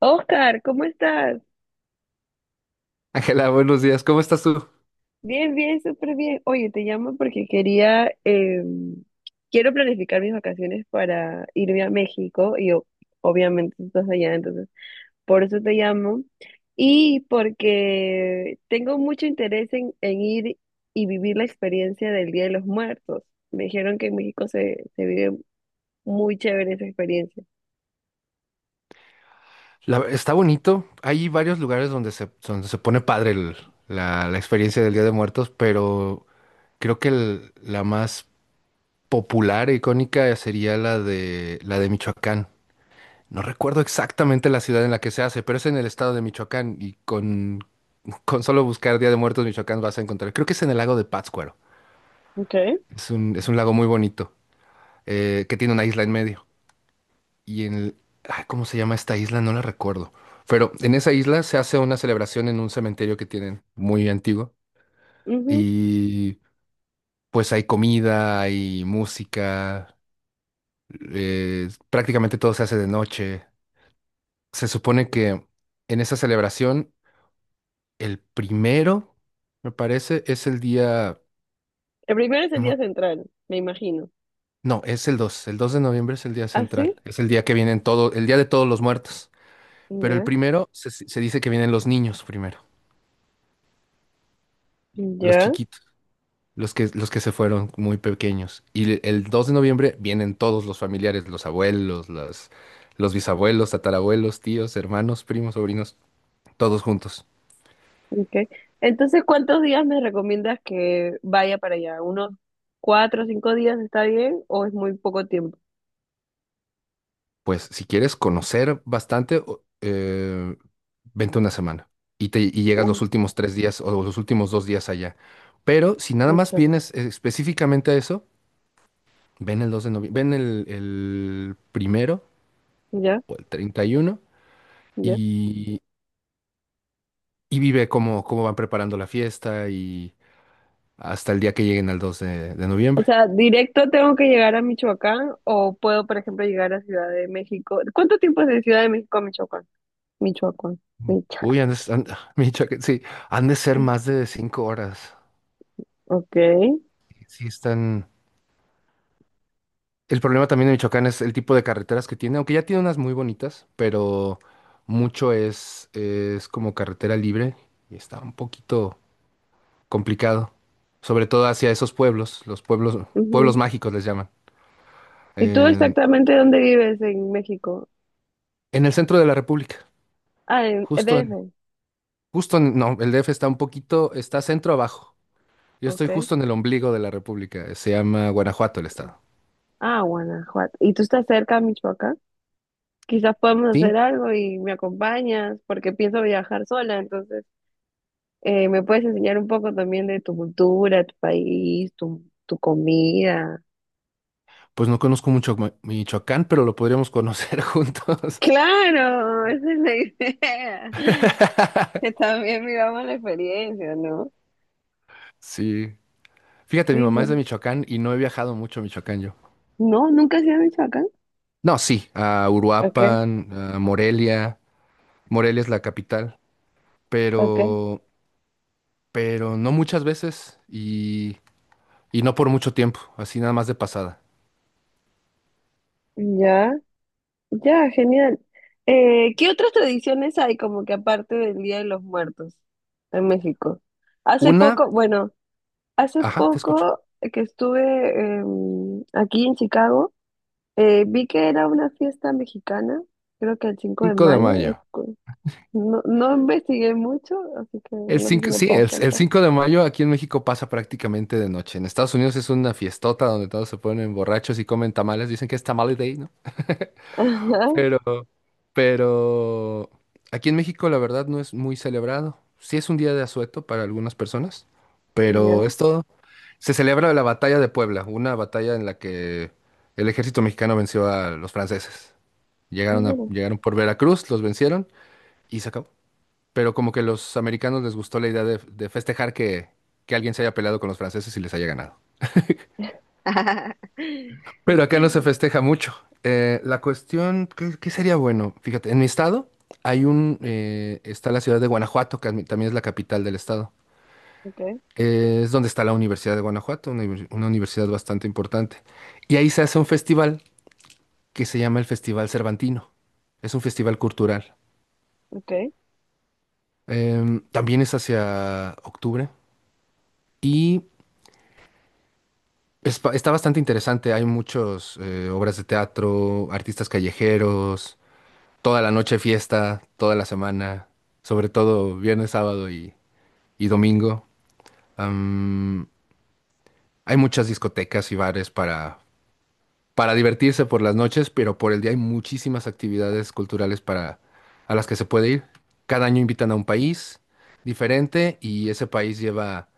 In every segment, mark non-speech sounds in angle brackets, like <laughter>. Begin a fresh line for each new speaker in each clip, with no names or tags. Oscar, ¿cómo estás?
Ángela, buenos días. ¿Cómo estás tú?
Bien, bien, súper bien. Oye, te llamo porque quería, quiero planificar mis vacaciones para irme a México y obviamente tú estás allá, entonces por eso te llamo y porque tengo mucho interés en ir y vivir la experiencia del Día de los Muertos. Me dijeron que en México se vive muy chévere esa experiencia.
Está bonito. Hay varios lugares donde se pone padre la experiencia del Día de Muertos, pero creo que la más popular e icónica sería la de Michoacán. No recuerdo exactamente la ciudad en la que se hace, pero es en el estado de Michoacán y con solo buscar Día de Muertos Michoacán vas a encontrar. Creo que es en el lago de Pátzcuaro.
Okay.
Es un lago muy bonito, que tiene una isla en medio. y en el- Ay, ¿cómo se llama esta isla? No la recuerdo. Pero en esa isla se hace una celebración en un cementerio que tienen muy antiguo
Ujú.
y pues hay comida, hay música, prácticamente todo se hace de noche. Se supone que en esa celebración el primero, me parece, es el día,
El primero es el
no,
día central, me imagino.
no, es el dos de noviembre es el día
¿Ah,
central,
sí?
es el día que vienen todo, el día de todos los muertos. Pero el
Ya,
primero se dice que vienen los niños primero, los
ya.
chiquitos. Los que se fueron muy pequeños. Y el 2 de noviembre vienen todos los familiares, los abuelos, los bisabuelos, tatarabuelos, tíos, hermanos, primos, sobrinos, todos juntos.
Okay. Entonces, ¿cuántos días me recomiendas que vaya para allá? ¿Unos cuatro o cinco días está bien o es muy poco tiempo?
Pues si quieres conocer bastante, vente una semana y llegas los
Uy,
últimos tres días o los últimos dos días allá. Pero si nada más
Michoacán.
vienes específicamente a eso, ven el 2 de noviembre, ven el primero
Ya,
o el 31
ya.
y, y vive cómo van preparando la fiesta y... hasta el día que lleguen al 2 de
O
noviembre.
sea, ¿directo tengo que llegar a Michoacán o puedo, por ejemplo, llegar a Ciudad de México? ¿Cuánto tiempo es de Ciudad de México a Michoacán? Michoacán. Michoacán.
Uy, han de s- han- <laughs> Michoacán, sí, han de ser más de 5 horas.
Ok.
Sí, están. El problema también de Michoacán es el tipo de carreteras que tiene, aunque ya tiene unas muy bonitas, pero mucho es como carretera libre y está un poquito complicado, sobre todo hacia esos pueblos, los pueblos, pueblos
Ujú.
mágicos les llaman,
¿Y tú
en
exactamente dónde vives en México?
el centro de la República,
Ah, en
justo
DF.
en, no, el DF está un poquito, está centro abajo. Yo estoy
Ok.
justo en el ombligo de la República. Se llama Guanajuato el estado.
Ah, Guanajuato. ¿Y tú estás cerca a Michoacán? Quizás podemos
Sí,
hacer algo y me acompañas, porque pienso viajar sola, entonces me puedes enseñar un poco también de tu cultura, tu país, tu comida.
pues no conozco mucho Michoacán, pero lo podríamos conocer <laughs> juntos.
Claro, esa es la idea. <laughs> Que también vivamos la experiencia, ¿no?
Sí. Fíjate, mi
Sí, sí.
mamá es de Michoacán y no he viajado mucho a Michoacán yo.
No, nunca se ha hecho acá.
No, sí, a
Ok,
Uruapan, a Morelia. Morelia es la capital,
ok.
pero, no muchas veces y no por mucho tiempo, así nada más de pasada.
Ya, ya, genial. ¿Qué otras tradiciones hay como que aparte del Día de los Muertos en México? Hace
Una,
poco, bueno. Hace
ajá, te escucho.
poco que estuve aquí en Chicago, vi que era una fiesta mexicana, creo que el 5 de
Cinco de
mayo.
mayo.
No, no investigué mucho, así que
El
no sé si
5
me
sí,
puedes
el
contar.
5 de mayo aquí en México pasa prácticamente de noche. En Estados Unidos es una fiestota donde todos se ponen borrachos y comen tamales. Dicen que es Tamale Day, ¿no? <laughs>
<laughs> Ajá,
Pero, pero aquí en México la verdad no es muy celebrado. Sí es un día de asueto para algunas personas,
y
pero
ya.
es todo. Se celebra la batalla de Puebla, una batalla en la que el ejército mexicano venció a los franceses.
Ah,
Llegaron a,
mira.
llegaron por Veracruz, los vencieron y se acabó, pero como que los americanos les gustó la idea de festejar que, alguien se haya peleado con los franceses y les haya ganado.
<laughs>
Pero acá no se festeja mucho. La cuestión, ¿qué, sería bueno? Fíjate, en mi estado está la ciudad de Guanajuato, que también es la capital del estado.
Ok,
Es donde está la Universidad de Guanajuato, una universidad bastante importante. Y ahí se hace un festival que se llama el Festival Cervantino. Es un festival cultural.
ok.
También es hacia octubre. Y está bastante interesante, hay muchas obras de teatro, artistas callejeros, toda la noche fiesta, toda la semana, sobre todo viernes, sábado y domingo. Am, Hay muchas discotecas y bares para divertirse por las noches, pero por el día hay muchísimas actividades culturales a las que se puede ir. Cada año invitan a un país diferente y ese país lleva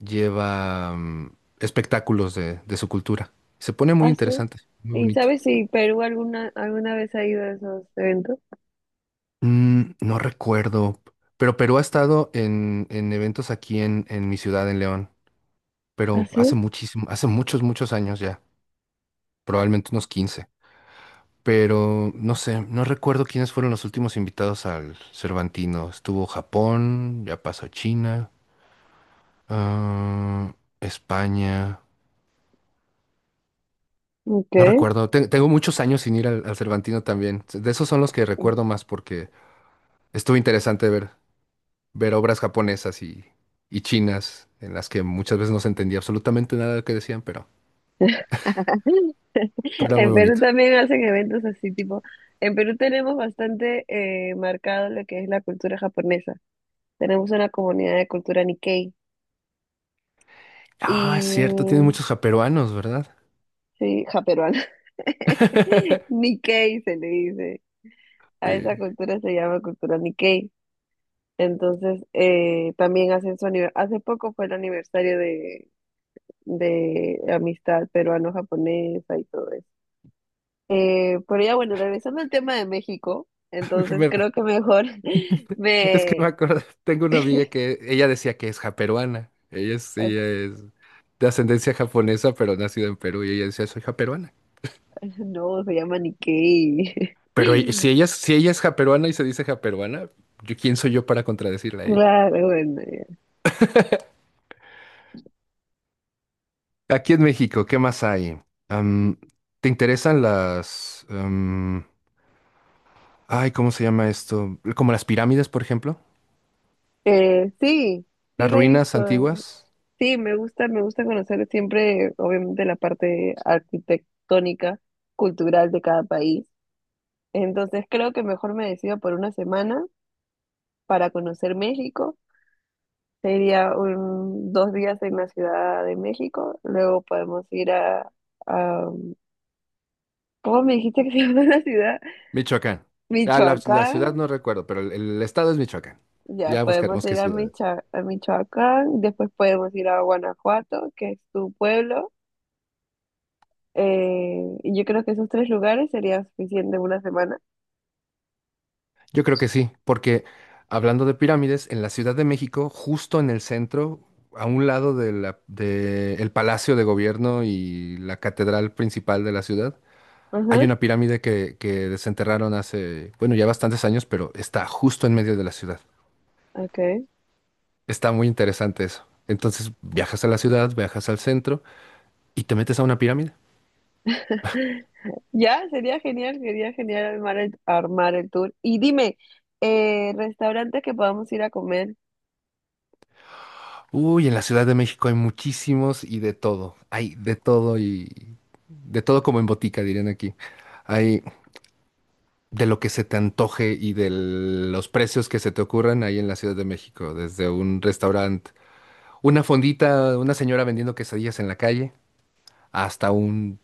lleva espectáculos de su cultura. Se pone muy
Ah, sí.
interesante, muy
¿Y
bonito.
sabes si Perú alguna vez ha ido a esos eventos?
No recuerdo, pero Perú ha estado en eventos aquí en mi ciudad, en León,
Ah,
pero hace
sí.
muchísimo, hace muchos años ya, probablemente unos 15. Pero no sé, no recuerdo quiénes fueron los últimos invitados al Cervantino. Estuvo Japón, ya pasó China, ah, España.
Ok.
No recuerdo, tengo muchos años sin ir al Cervantino también. De esos son los que recuerdo
<laughs>
más porque estuvo interesante ver, obras japonesas y chinas en las que muchas veces no se entendía absolutamente nada de lo que decían, pero, era muy
En Perú
bonito.
también hacen eventos así, tipo, en Perú tenemos bastante marcado lo que es la cultura japonesa. Tenemos una comunidad de cultura Nikkei
Ah, es cierto, tiene
y,
muchos japeruanos, ¿verdad?
sí, japeruana. <laughs>
<laughs>
Nikkei se le dice. A
Sí.
esa cultura se llama cultura Nikkei. Entonces, también hacen su aniversario. Hace poco fue el aniversario de amistad peruano-japonesa y todo eso. Pero ya bueno, regresando al tema de México, entonces
Me-
creo que mejor <laughs>
Es que me
me...
acuerdo, tengo una amiga
<laughs>
que ella decía que es japeruana. Ella es de ascendencia japonesa, pero nacida en Perú y ella decía, soy japeruana.
No, se llama Nikkei.
Pero
<laughs>
si ella es japeruana y se dice japeruana, yo, ¿quién soy yo para contradecirla a ella?
Claro, bueno, ya.
Aquí en México, ¿qué más hay? Am, ¿Te interesan las... ay, ¿cómo se llama esto? Como las pirámides, por ejemplo.
Sí, sí
Las
la he
ruinas
visto.
antiguas.
Sí, me gusta conocer siempre, obviamente, la parte arquitectónica, cultural de cada país. Entonces creo que mejor me decido por una semana para conocer México. Sería un, dos días en la Ciudad de México, luego podemos ir a, a- ¿cómo me dijiste que se <laughs> llama la ciudad?
Michoacán. Ah, la
Michoacán,
ciudad no recuerdo, pero el estado es Michoacán.
ya
Ya
podemos
buscaremos qué
ir a,
ciudades.
A Michoacán, después podemos ir a Guanajuato, que es tu pueblo, y yo creo que esos tres lugares sería suficiente una semana.
Yo creo que sí, porque hablando de pirámides, en la Ciudad de México, justo en el centro, a un lado de el Palacio de Gobierno y la catedral principal de la ciudad, hay
Ajá,
una pirámide que desenterraron hace, bueno, ya bastantes años, pero está justo en medio de la ciudad.
okay.
Está muy interesante eso. Entonces viajas a la ciudad, viajas al centro y te metes a una pirámide.
<laughs> Ya, sería genial armar el tour. Y dime, restaurantes que podamos ir a comer.
Uy, en la Ciudad de México hay muchísimos y de todo. Hay de todo y de todo como en botica, dirían aquí. Hay de lo que se te antoje y de los precios que se te ocurran ahí en la Ciudad de México, desde un restaurante, una fondita, una señora vendiendo quesadillas en la calle, hasta un,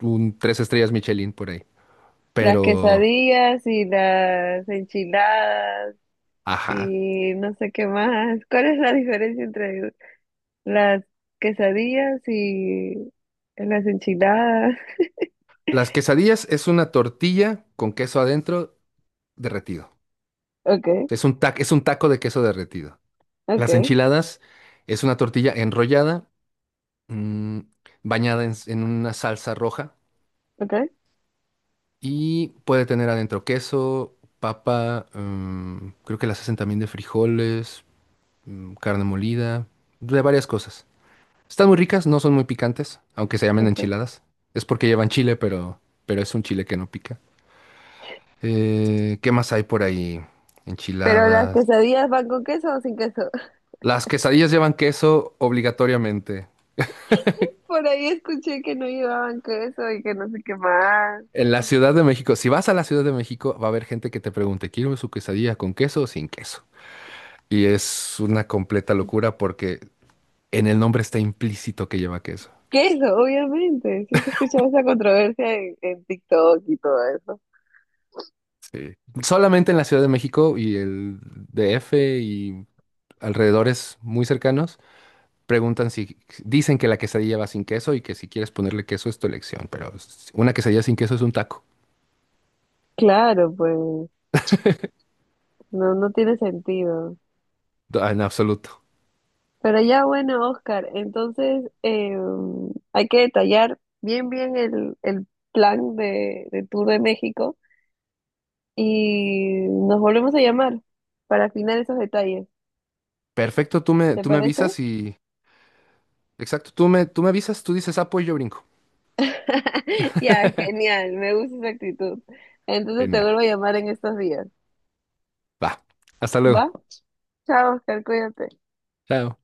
un tres estrellas Michelin por ahí.
Las
Pero,
quesadillas y las enchiladas
ajá.
y no sé qué más. ¿Cuál es la diferencia entre las quesadillas y las enchiladas? <laughs>
Las quesadillas es una tortilla con queso adentro derretido.
Okay,
Es un taco de queso derretido. Las
okay,
enchiladas es una tortilla enrollada, mm, bañada en una salsa roja.
okay,
Y puede tener adentro queso, papa, creo que las hacen también de frijoles, carne molida, de varias cosas. Están muy ricas, no son muy picantes, aunque se llamen
okay.
enchiladas. Es porque llevan chile, pero, es un chile que no pica. ¿Qué más hay por ahí?
Pero las
Enchiladas.
quesadillas van con queso o sin queso. <laughs>
Las quesadillas llevan queso obligatoriamente.
Por ahí escuché que no llevaban queso y que no sé qué más.
En la Ciudad de México, si vas a la Ciudad de México, va a haber gente que te pregunte, ¿quiero su quesadilla con queso o sin queso? Y es una completa locura porque en el nombre está implícito que lleva queso.
Queso, obviamente. Sí, se escuchaba esa controversia en TikTok y todo eso.
Solamente en la Ciudad de México y el DF y alrededores muy cercanos preguntan si dicen que la quesadilla va sin queso y que si quieres ponerle queso es tu elección, pero una quesadilla sin queso es un taco,
Claro, pues, no, no tiene sentido.
en absoluto.
Pero ya bueno, Oscar, entonces hay que detallar bien bien el plan de Tour de México y nos volvemos a llamar para afinar esos detalles,
Perfecto, tú me,
¿te
tú me
parece?
avisas y... Exacto, tú me avisas, tú dices apoyo y yo brinco.
<laughs> Ya, genial, me gusta esa actitud. Entonces te
Genial.
vuelvo a llamar en estos días,
Va. Hasta
¿va?
luego.
Chao, Oscar, cuídate.
Chao.